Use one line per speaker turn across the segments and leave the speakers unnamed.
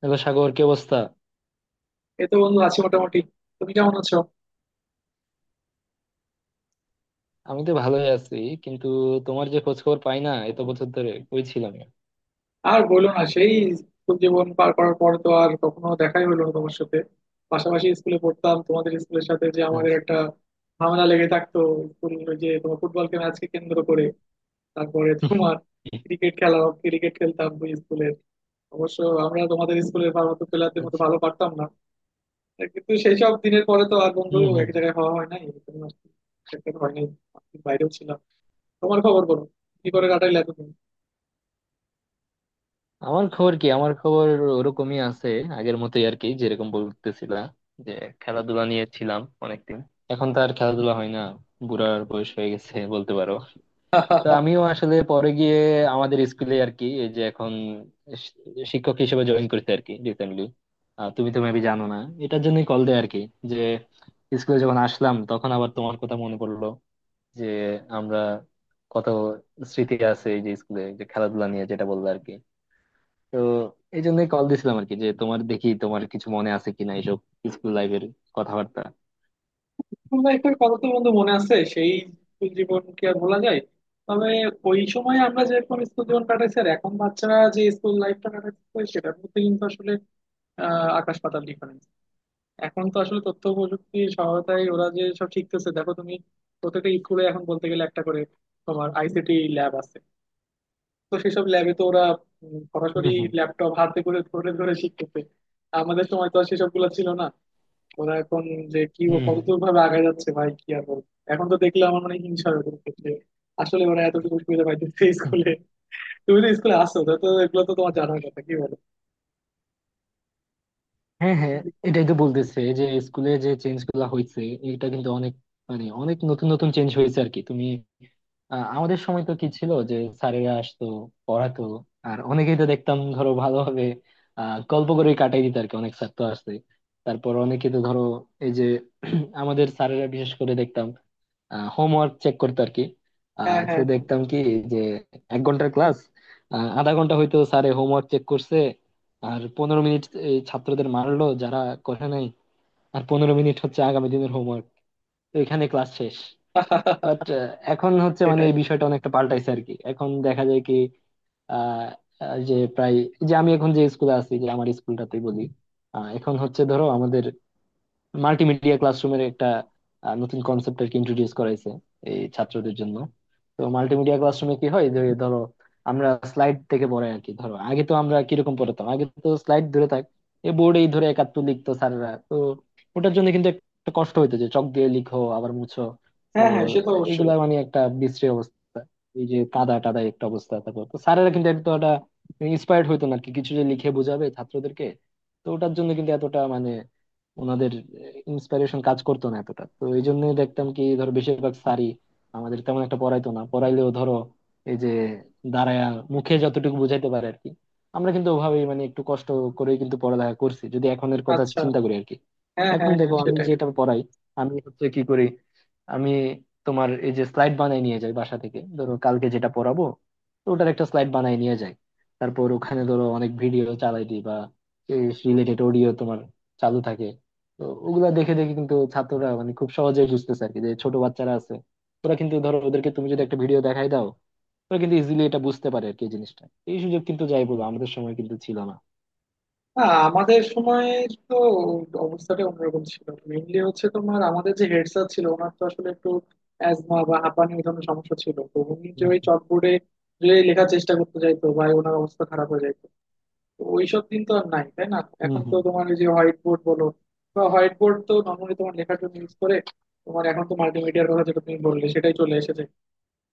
Hello Sagar, কি অবস্থা?
এই তো বন্ধু আছি মোটামুটি। তুমি কেমন আছো?
আমি তো ভালোই আছি, কিন্তু তোমার যে খোঁজ খবর পাই না এত বছর ধরে, কই ছিলাম?
আর বলো না, সেই স্কুল জীবন পার করার পর তো আর কখনো দেখাই হলো না তোমার সাথে। পাশাপাশি স্কুলে পড়তাম, তোমাদের স্কুলের সাথে যে আমাদের
আচ্ছা,
একটা ঝামেলা লেগে থাকতো স্কুল, ওই যে তোমার ফুটবলকে ম্যাচকে কেন্দ্র করে। তারপরে তোমার ক্রিকেট খেলা, ক্রিকেট খেলতাম ওই স্কুলে। অবশ্য আমরা তোমাদের স্কুলের ভালো প্লেয়ারদের মতো
আচ্ছা।
ভালো পারতাম না, কিন্তু সেই সব দিনের পরে তো আর বন্ধু
হম,
এক
হম।
জায়গায় হওয়া হয় নাই, এরকম আর কি। সেটা তো হয় নাই, আমি বাইরেও ছিলাম। তোমার খবর বলো, কি করে কাটাইলে এতদিন?
আমার খবর কি, আমার খবর ওরকমই আছে, আগের মতোই আর কি, যেরকম বলতেছিলা যে খেলাধুলা নিয়ে ছিলাম অনেকদিন। এখন তো আর খেলাধুলা হয় না, বুড়ার বয়স হয়ে গেছে বলতে পারো। তো আমিও আসলে পরে গিয়ে আমাদের স্কুলে আর কি, এই যে এখন শি- শিক্ষক হিসেবে জয়েন করতে আর কি, রিসেন্টলি। তুমি তো মেবি জানো না, এটার জন্যই কল দেয় আর কি, যে স্কুলে যখন আসলাম তখন আবার তোমার কথা মনে পড়লো যে আমরা কত স্মৃতি আছে, এই যে স্কুলে যে খেলাধুলা নিয়ে যেটা বললো আর কি। তো এই জন্যই কল দিছিলাম আর কি, যে তোমার দেখি তোমার কিছু মনে আছে কিনা এইসব স্কুল লাইফের কথাবার্তা।
স্কুল লাইফের কথা তো বন্ধু মনে আছে, সেই স্কুল জীবন কি আর বলা যায়। তবে ওই সময় আমরা যেরকম স্কুল জীবন কাটাইছি আর এখন বাচ্চারা যে স্কুল লাইফটা কাটাচ্ছে, সেটার মধ্যে কিন্তু আসলে আকাশ পাতাল ডিফারেন্স। এখন তো আসলে তথ্য প্রযুক্তির সহায়তায় ওরা যে সব শিখতেছে, দেখো তুমি, প্রত্যেকটা স্কুলে এখন বলতে গেলে একটা করে তোমার আইসিটি ল্যাব আছে। তো সেসব ল্যাবে তো ওরা সরাসরি
হুম,
ল্যাপটপ হাতে করে ধরে ধরে শিখতেছে। আমাদের সময় তো আর সেসব গুলো ছিল না। ওরা এখন যে কি ও
হুম,
কতদূর ভাবে আগে যাচ্ছে, ভাই কি আর বলবো, এখন তো দেখলে আমার মানে হিংসা হয়ে যাচ্ছে, যে আসলে ওরা এতটুকু সুবিধা পাইতেছে
হুম।
স্কুলে। তুমি তো স্কুলে আসো, তো তো এগুলো তো তোমার জানার কথা, কি বলো?
হ্যাঁ, হ্যাঁ, এটাই তো বলতেছে যে স্কুলে যে চেঞ্জ গুলা হয়েছে, এটা কিন্তু অনেক, মানে অনেক নতুন নতুন চেঞ্জ হয়েছে আর কি। তুমি, আমাদের সময় তো কি ছিল, যে স্যারেরা আসতো, পড়াতো, আর অনেকেই তো দেখতাম ধরো ভালোভাবে গল্প করে কাটাই দিত আর কি। অনেক স্যার তো আসছে, তারপর অনেকে তো ধরো এই যে আমাদের স্যারেরা বিশেষ করে দেখতাম হোমওয়ার্ক চেক করতো আর কি।
হ্যাঁ,
তো
হ্যাঁ, হ্যাঁ।
দেখতাম কি, যে 1 ঘন্টার ক্লাস, আধা ঘন্টা হয়তো স্যারে হোমওয়ার্ক চেক করছে, আর 15 মিনিট এই ছাত্রদের মারলো যারা করে নাই, আর 15 মিনিট হচ্ছে আগামী দিনের হোমওয়ার্ক। তো এখানে ক্লাস শেষ। বাট এখন হচ্ছে, মানে
সেটাই।
এই বিষয়টা অনেকটা পাল্টাইছে আর কি, এখন দেখা যায় কি, আহ আহ, যে প্রায়, যে আমি এখন যে স্কুলে আছি, যে আমার স্কুলটাতেই বলি, এখন হচ্ছে ধরো আমাদের মাল্টিমিডিয়া ক্লাসরুমের একটা নতুন কনসেপ্ট আর কি ইন্ট্রোডিউস করাইছে এই ছাত্রদের জন্য। তো মাল্টিমিডিয়া ক্লাসরুমে কি হয়, যে ধরো আমরা স্লাইড থেকে পড়াই আর কি। ধরো আগে তো আমরা কিরকম পড়াতাম, আগে তো স্লাইড ধরে থাক, এই বোর্ডেই ধরে 71 লিখতো স্যাররা তো। ওটার জন্য কিন্তু একটা কষ্ট হইতো, যে চক দিয়ে লিখো আবার মুছো। তো
হ্যাঁ, হ্যাঁ, সে তো অবশ্যই।
এইগুলা মানে একটা বিশ্রী অবস্থা, এই যে কাদা টাদা একটা অবস্থা। তারপর তো স্যারেরা কিন্তু এত একটা ইন্সপায়ার্ড হইতো না আর কি, কিছু যে লিখে বোঝাবে ছাত্রদেরকে। তো ওটার জন্য কিন্তু এতটা মানে ওনাদের ইন্সপিরেশন কাজ করতো না এতটা। তো এই জন্যই দেখতাম কি ধরো, বেশিরভাগ স্যারই আমাদের তেমন একটা পড়াইতো না, পড়াইলেও ধরো এই যে দাঁড়ায়া মুখে যতটুকু বুঝাইতে পারে আর কি। আমরা কিন্তু ওভাবেই, মানে একটু কষ্ট করেই কিন্তু পড়ালেখা করছি, যদি এখনের কথা
আচ্ছা।
চিন্তা করি আর কি।
হ্যাঁ,
এখন
হ্যাঁ, হ্যাঁ,
দেখো আমি
সেটাই।
যেটা পড়াই, আমি হচ্ছে কি করি, আমি তোমার এই যে স্লাইড বানাই নিয়ে যাই বাসা থেকে, ধরো কালকে যেটা পড়াবো তো ওটার একটা স্লাইড বানাই নিয়ে যাই। তারপর ওখানে ধরো অনেক ভিডিও চালাই দিই, বা রিলেটেড অডিও তোমার চালু থাকে। তো ওগুলা দেখে দেখে কিন্তু ছাত্ররা মানে খুব সহজেই বুঝতেছে আর কি। যে ছোট বাচ্চারা আছে, ওরা কিন্তু ধরো, ওদেরকে তুমি যদি একটা ভিডিও দেখাই দাও, ওরা কিন্তু ইজিলি এটা বুঝতে পারে আর কি এই জিনিসটা। এই সুযোগ কিন্তু, যাই বলবো, আমাদের সময় কিন্তু ছিল না।
আমাদের সময় তো অবস্থাটা অন্যরকম ছিল। মেইনলি হচ্ছে তোমার আমাদের যে হেড স্যার ছিল, ওনার তো আসলে একটু অ্যাজমা বা হাঁপানি এই ধরনের সমস্যা ছিল, তো উনি যে ওই
হম,
চকবোর্ডে যে লেখার চেষ্টা করতে যাইতো ভাই, ওনার অবস্থা খারাপ হয়ে যাইতো। তো ওইসব দিন তো আর নাই, তাই না?
হম,
এখন তো
হম,
তোমার এই যে হোয়াইট বোর্ড বলো, বা হোয়াইট বোর্ড তো নর্মালি তোমার লেখার জন্য ইউজ করে। তোমার এখন তো মাল্টিমিডিয়ার কথা যেটা তুমি বললে সেটাই চলে এসেছে।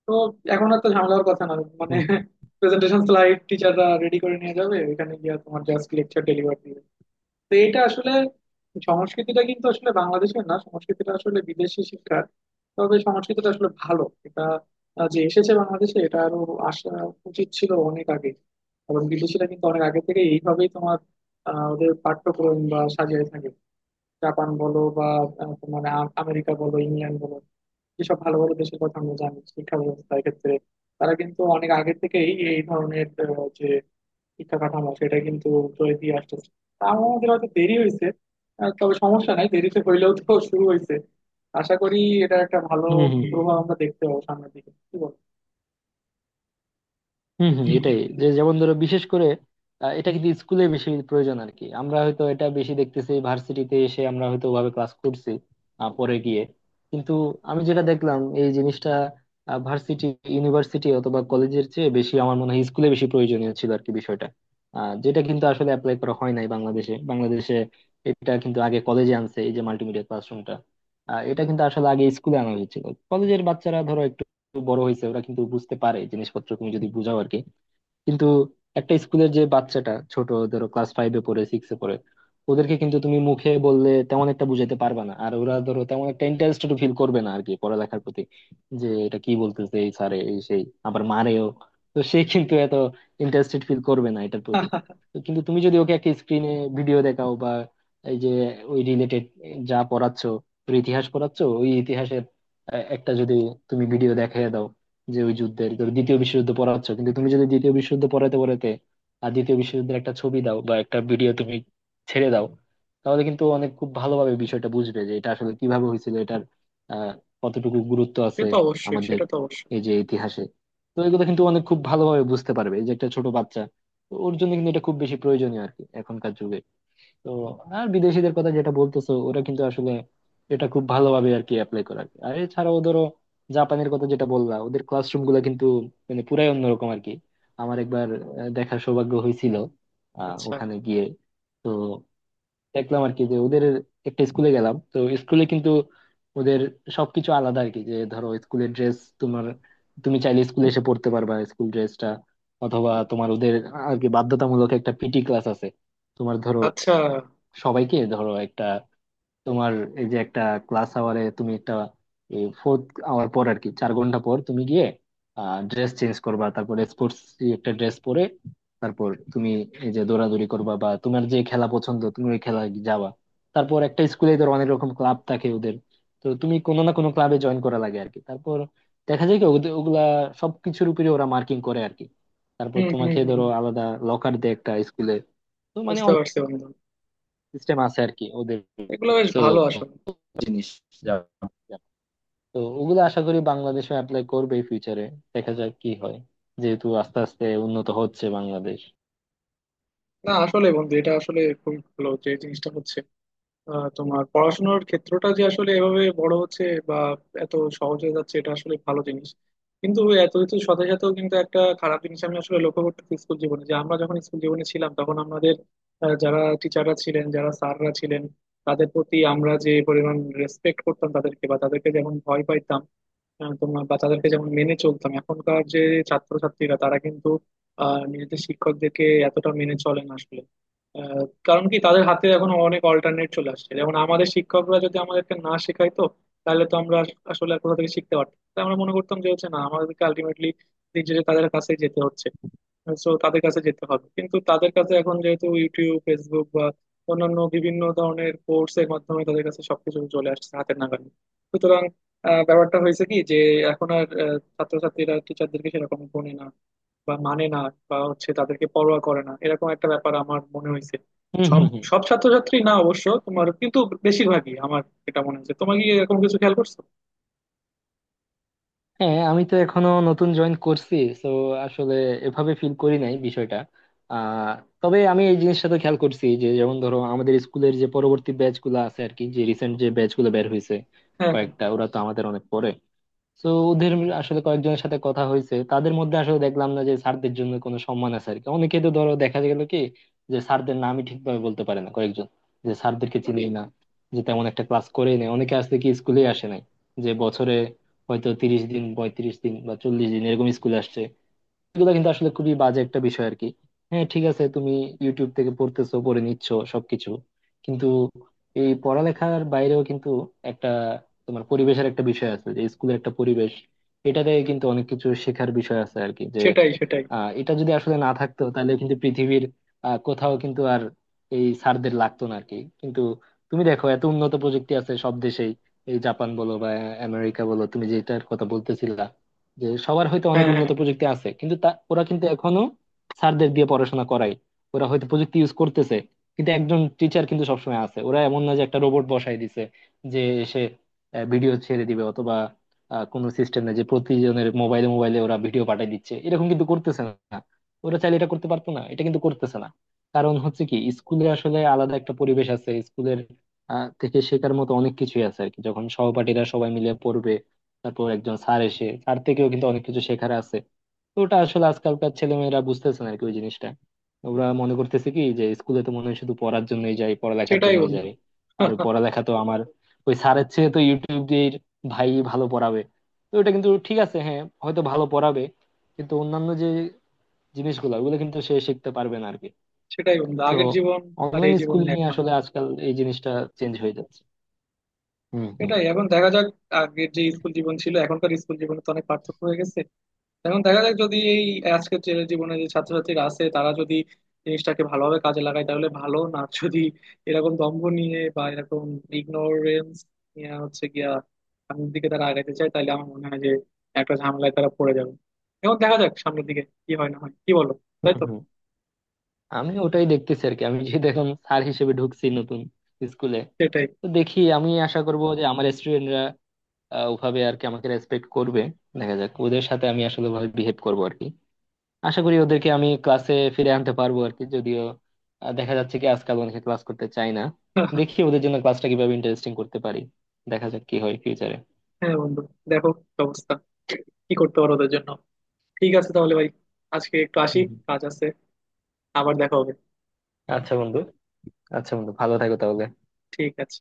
তো এখন আর তো ঝামেলা হওয়ার কথা না, মানে
হম, হম,
প্রেজেন্টেশন স্লাইড টিচাররা রেডি করে নিয়ে যাবে, ওইখানে গিয়ে তোমার জাস্ট লেকচার ডেলিভার দিবে। তো এটা আসলে সংস্কৃতিটা কিন্তু আসলে বাংলাদেশের না, সংস্কৃতিটা আসলে বিদেশি শিক্ষার। তবে সংস্কৃতিটা আসলে ভালো, এটা যে এসেছে বাংলাদেশে, এটা আরো আসা উচিত ছিল অনেক আগে। এবং বিদেশিরা কিন্তু অনেক আগে থেকে এইভাবেই তোমার ওদের পাঠ্যক্রম বা সাজিয়ে থাকে। জাপান বলো বা তোমার আমেরিকা বলো, ইংল্যান্ড বলো, যেসব ভালো ভালো দেশের কথা আমরা জানি শিক্ষা ব্যবস্থার ক্ষেত্রে, তারা কিন্তু অনেক আগে থেকেই এই ধরনের যে শিক্ষা কাঠামো, সেটা কিন্তু তৈরি দিয়ে আসতেছে। তা আমাদের হয়তো দেরি হয়েছে। তবে সমস্যা নাই, দেরিতে হইলেও তো শুরু হয়েছে। আশা করি এটা একটা ভালো
হম, হম, হম,
প্রভাব আমরা দেখতে পাবো সামনের দিকে, কি বল?
হম, হম। এটাই, যে যেমন ধরো বিশেষ করে এটা কিন্তু স্কুলে বেশি প্রয়োজন আর কি। আমরা হয়তো এটা বেশি দেখতেছি ভার্সিটিতে এসে, আমরা হয়তো ওভাবে ক্লাস করছি পরে গিয়ে। কিন্তু আমি যেটা দেখলাম এই জিনিসটা, ভার্সিটি, ইউনিভার্সিটি অথবা কলেজের চেয়ে বেশি আমার মনে হয় স্কুলে বেশি প্রয়োজনীয় ছিল আর কি বিষয়টা। যেটা কিন্তু আসলে অ্যাপ্লাই করা হয় নাই বাংলাদেশে। এটা কিন্তু আগে কলেজে আনছে এই যে মাল্টিমিডিয়া ক্লাসরুমটা, এটা কিন্তু আসলে আগে স্কুলে আনা হয়েছিল। কলেজের বাচ্চারা ধরো একটু বড় হয়েছে, ওরা কিন্তু বুঝতে পারে জিনিসপত্র তুমি যদি বুঝাও আর কি। কিন্তু একটা স্কুলের যে বাচ্চাটা ছোট, ধরো ক্লাস ফাইভে পড়ে, সিক্সে পড়ে, ওদেরকে কিন্তু তুমি মুখে বললে তেমন একটা বুঝাতে পারবে না, আর ওরা ধরো তেমন একটা ইন্টারেস্টেড ফিল করবে না আর কি পড়ালেখার প্রতি। যে এটা কি বলতেছে এই স্যারে, এই সেই, আবার মারেও। তো সে কিন্তু এত ইন্টারেস্টেড ফিল করবে না এটার প্রতি। তো কিন্তু তুমি যদি ওকে একটা স্ক্রিনে ভিডিও দেখাও, বা এই যে ওই রিলেটেড, যা পড়াচ্ছ, ওর ইতিহাস পড়াচ্ছ, ওই ইতিহাসের একটা যদি তুমি ভিডিও দেখাই দাও, যে ওই যুদ্ধের, ধরো দ্বিতীয় বিশ্বযুদ্ধ পড়াচ্ছ, কিন্তু তুমি যদি দ্বিতীয় বিশ্বযুদ্ধ পড়াতে পড়াতে আর দ্বিতীয় বিশ্বযুদ্ধের একটা ছবি দাও বা একটা ভিডিও তুমি ছেড়ে দাও, তাহলে কিন্তু অনেক খুব ভালোভাবে বিষয়টা বুঝবে, যে এটা আসলে কিভাবে হয়েছিল, এটার আহ কতটুকু গুরুত্ব
সে
আছে
তো অবশ্যই,
আমাদের
সেটা তো অবশ্যই।
এই যে ইতিহাসে। তো এগুলো কিন্তু অনেক খুব ভালোভাবে বুঝতে পারবে এই যে একটা ছোট বাচ্চা। তো ওর জন্য কিন্তু এটা খুব বেশি প্রয়োজনীয় আর কি এখনকার যুগে। তো আর বিদেশিদের কথা যেটা বলতেছো, ওরা কিন্তু আসলে এটা খুব ভালোভাবে আর কি অ্যাপ্লাই করে আর কি। আর এছাড়াও ধরো জাপানের কথা যেটা বললা, ওদের ক্লাসরুম গুলো কিন্তু মানে পুরাই অন্যরকম আর কি। আমার একবার দেখার সৌভাগ্য হয়েছিল
আচ্ছা।
ওখানে গিয়ে। তো দেখলাম আর কি যে ওদের, একটা স্কুলে গেলাম তো স্কুলে কিন্তু ওদের সবকিছু আলাদা আর কি। যে ধরো স্কুলের ড্রেস তোমার, তুমি চাইলে স্কুলে এসে পড়তে পারবা স্কুল ড্রেসটা, অথবা তোমার ওদের আর কি বাধ্যতামূলক একটা পিটি ক্লাস আছে। তোমার ধরো
আচ্ছা।
সবাইকে ধরো একটা তোমার এই যে একটা ক্লাস আওয়ারে তুমি একটা ফোর্থ আওয়ার পর আর কি, 4 ঘন্টা পর তুমি গিয়ে ড্রেস চেঞ্জ করবা, তারপর স্পোর্টস একটা ড্রেস পরে তারপর তুমি এই যে দৌড়াদৌড়ি করবা, বা তোমার যে খেলা পছন্দ তুমি ওই খেলায় যাবা। তারপর একটা স্কুলে ধরো অনেক রকম ক্লাব থাকে ওদের, তো তুমি কোনো না কোনো ক্লাবে জয়েন করা লাগে আর কি। তারপর দেখা যায় কি ওগুলা সবকিছুর উপরে ওরা মার্কিং করে আর কি। তারপর
হুম, হুম,
তোমাকে
হুম।
ধরো আলাদা লকার দেয় একটা স্কুলে। তো মানে
বুঝতে পারছি বন্ধু,
সিস্টেম আছে আর কি ওদের।
এগুলো বেশ
তো
ভালো আসলে।
জিনিস, যা- তো ওগুলো আশা করি বাংলাদেশে অ্যাপ্লাই করবে ফিউচারে। দেখা যাক কি হয়, যেহেতু আস্তে আস্তে উন্নত হচ্ছে বাংলাদেশ।
না আসলে বন্ধু, এটা আসলে খুব ভালো যে জিনিসটা হচ্ছে, তোমার পড়াশোনার ক্ষেত্রটা যে আসলে এভাবে বড় হচ্ছে বা এত সহজ হয়ে যাচ্ছে, এটা আসলে ভালো জিনিস। কিন্তু এত কিছুর সাথে সাথেও কিন্তু একটা খারাপ জিনিস আমি আসলে লক্ষ্য করতেছি স্কুল জীবনে, যে আমরা যখন স্কুল জীবনে ছিলাম তখন আমাদের যারা টিচাররা ছিলেন, যারা স্যাররা ছিলেন, তাদের প্রতি আমরা যে পরিমাণ রেসপেক্ট করতাম তাদেরকে, বা তাদেরকে যেমন ভয় পাইতাম, তোমার বা তাদেরকে যেমন মেনে চলতাম, এখনকার যে ছাত্রছাত্রীরা তারা কিন্তু নিজেদের শিক্ষকদেরকে এতটা মেনে চলে না আসলে। আহ, কারণ কি, তাদের হাতে এখন অনেক অল্টারনেট চলে আসছে। যেমন আমাদের শিক্ষকরা যদি আমাদেরকে না শেখাইতো, তাহলে তো আমরা আসলে আর কোথা থেকে শিখতে পারতাম, তাই আমরা মনে করতাম যে হচ্ছে না, আমাদেরকে আলটিমেটলি নিজেদের তাদের কাছেই যেতে হচ্ছে। সো তাদের কাছে যেতে হবে, কিন্তু তাদের কাছে এখন যেহেতু ইউটিউব, ফেসবুক বা অন্যান্য বিভিন্ন ধরনের কোর্স এর মাধ্যমে তাদের কাছে সবকিছু চলে আসছে হাতের নাগালে, সুতরাং ব্যাপারটা হয়েছে কি, যে এখন আর ছাত্রছাত্রীরা টিচারদেরকে সেরকম গুনে না, বা মানে না, বা হচ্ছে তাদেরকে পরোয়া করে না, এরকম একটা ব্যাপার আমার মনে হয়েছে।
হুম, হুম, হুম।
সব ছাত্রছাত্রী না অবশ্য, তোমার কিন্তু বেশিরভাগই আমার এটা মনে হয়েছে। তোমার কি এরকম কিছু খেয়াল করছো?
হ্যাঁ আমি তো এখনো নতুন জয়েন করছি, তো আসলে এভাবে ফিল করি নাই বিষয়টা। আহ তবে আমি এই জিনিসটা তো খেয়াল করছি, যে যেমন ধরো আমাদের স্কুলের যে পরবর্তী ব্যাচ গুলো আছে আর কি, যে রিসেন্ট যে ব্যাচ গুলো বের হয়েছে
হ্যাঁ, হ্যাঁ।
কয়েকটা, ওরা তো আমাদের অনেক পরে। তো ওদের আসলে কয়েকজনের সাথে কথা হয়েছে, তাদের মধ্যে আসলে দেখলাম না যে স্যারদের জন্য কোনো সম্মান আছে আর কি। অনেকে তো ধরো দেখা গেল কি যে স্যারদের নামই ঠিকভাবে বলতে পারে না কয়েকজন, যে স্যারদেরকে চিনি না, যে তেমন একটা ক্লাস করেই নেই, অনেকে আসলে কি স্কুলে আসে নাই, যে বছরে হয়তো 30 দিন, 35 দিন বা 40 দিন এরকম স্কুলে আসছে। এগুলো কিন্তু আসলে খুবই বাজে একটা বিষয় আর কি। হ্যাঁ ঠিক আছে, তুমি ইউটিউব থেকে পড়তেছো, পড়ে নিচ্ছ সবকিছু, কিন্তু এই পড়ালেখার বাইরেও কিন্তু একটা তোমার পরিবেশের একটা বিষয় আছে, যে স্কুলের একটা পরিবেশ, এটাতে কিন্তু অনেক কিছু শেখার বিষয় আছে আর কি। যে
সেটাই, সেটাই।
এটা যদি আসলে না থাকতো তাহলে কিন্তু পৃথিবীর কোথাও কিন্তু আর এই সারদের লাগতো না আর কি। কিন্তু তুমি দেখো এত উন্নত প্রযুক্তি আছে সব দেশেই, এই জাপান বলো বা আমেরিকা বলো তুমি যেটার কথা বলতেছিলা, যে সবার হয়তো অনেক
হ্যাঁ, হ্যাঁ,
উন্নত প্রযুক্তি আছে কিন্তু তা ওরা কিন্তু এখনো স্যারদের দিয়ে পড়াশোনা করায়। ওরা হয়তো প্রযুক্তি ইউজ করতেছে, কিন্তু একজন টিচার কিন্তু সবসময় আছে। ওরা এমন না যে একটা রোবট বসাই দিছে যে এসে ভিডিও ছেড়ে দিবে, অথবা কোনো সিস্টেম নেই যে প্রতিজনের মোবাইলে মোবাইলে ওরা ভিডিও পাঠিয়ে দিচ্ছে, এরকম কিন্তু করতেছে না। ওরা চাইলে এটা করতে পারতো, না, এটা কিন্তু করতেছে না। কারণ হচ্ছে কি, স্কুলে আসলে আলাদা একটা পরিবেশ আছে স্কুলের থেকে শেখার মতো অনেক কিছুই আছে আর কি। যখন সহপাঠীরা সবাই মিলে পড়বে, তারপর একজন স্যার এসে, স্যার থেকেও কিন্তু অনেক কিছু শেখার আছে। তো ওটা আসলে আজকালকার ছেলেমেয়েরা বুঝতেছে না আর কি ওই জিনিসটা। ওরা মনে করতেছে কি, যে স্কুলে তো মনে হয় শুধু পড়ার জন্যই যাই, পড়ালেখার
সেটাই
জন্যই
বন্ধু।
যাই, আর ওই পড়ালেখা তো আমার ওই স্যারের চেয়ে তো ইউটিউব দিয়ে ভাই ভালো পড়াবে। তো ওটা কিন্তু ঠিক আছে, হ্যাঁ হয়তো ভালো পড়াবে, কিন্তু অন্যান্য যে জিনিসগুলো ওগুলো কিন্তু সে শিখতে পারবে না আরকি।
সেটাই বন্ধু,
তো
আগের জীবন আর
অনলাইন
এই জীবন
স্কুলিং
এক
এ
না।
আসলে আজকাল এই জিনিসটা চেঞ্জ হয়ে যাচ্ছে। হুম, হুম,
এটাই, এখন দেখা যাক। আগের যে স্কুল জীবন ছিল, এখনকার স্কুল জীবনে তো অনেক পার্থক্য হয়ে গেছে। এখন দেখা যাক, যদি এই আজকের যে জীবনে যে ছাত্রছাত্রীরা আছে তারা যদি জিনিসটাকে ভালোভাবে কাজে লাগায় তাহলে ভালো, না যদি এরকম দম্ভ নিয়ে বা এরকম ইগনোরেন্স নিয়ে হচ্ছে গিয়া সামনের দিকে তারা আগাইতে চায় তাহলে আমার মনে হয় যে একটা ঝামেলায় তারা পড়ে যাবে। এখন দেখা যাক সামনের দিকে কি হয় না হয়, কি বলো? তাই
হুম,
তো।
হুম। আমি ওটাই দেখতেছি আর কি। আমি যেহেতু এখন স্যার হিসেবে ঢুকছি নতুন স্কুলে,
সেটাই।
তো দেখি, আমি আশা করব যে আমার স্টুডেন্টরা ওভাবে আর কি আমাকে রেসপেক্ট করবে। দেখা যাক, ওদের সাথে আমি আসলে ওভাবে বিহেভ করবো আর কি। আশা করি ওদেরকে আমি ক্লাসে ফিরে আনতে পারবো আর কি, যদিও দেখা যাচ্ছে কি আজকাল অনেকে ক্লাস করতে চায় না। দেখি ওদের জন্য ক্লাসটা কিভাবে ইন্টারেস্টিং করতে পারি। দেখা যাক কি হয় ফিউচারে।
হ্যাঁ বন্ধু, দেখো কি অবস্থা, কি করতে পারো ওদের জন্য। ঠিক আছে তাহলে ভাই, আজকে একটু আসি,
হুম, হুম।
কাজ আছে। আবার দেখা হবে।
আচ্ছা বন্ধু। আচ্ছা বন্ধু, ভালো থাকো তাহলে।
ঠিক আছে।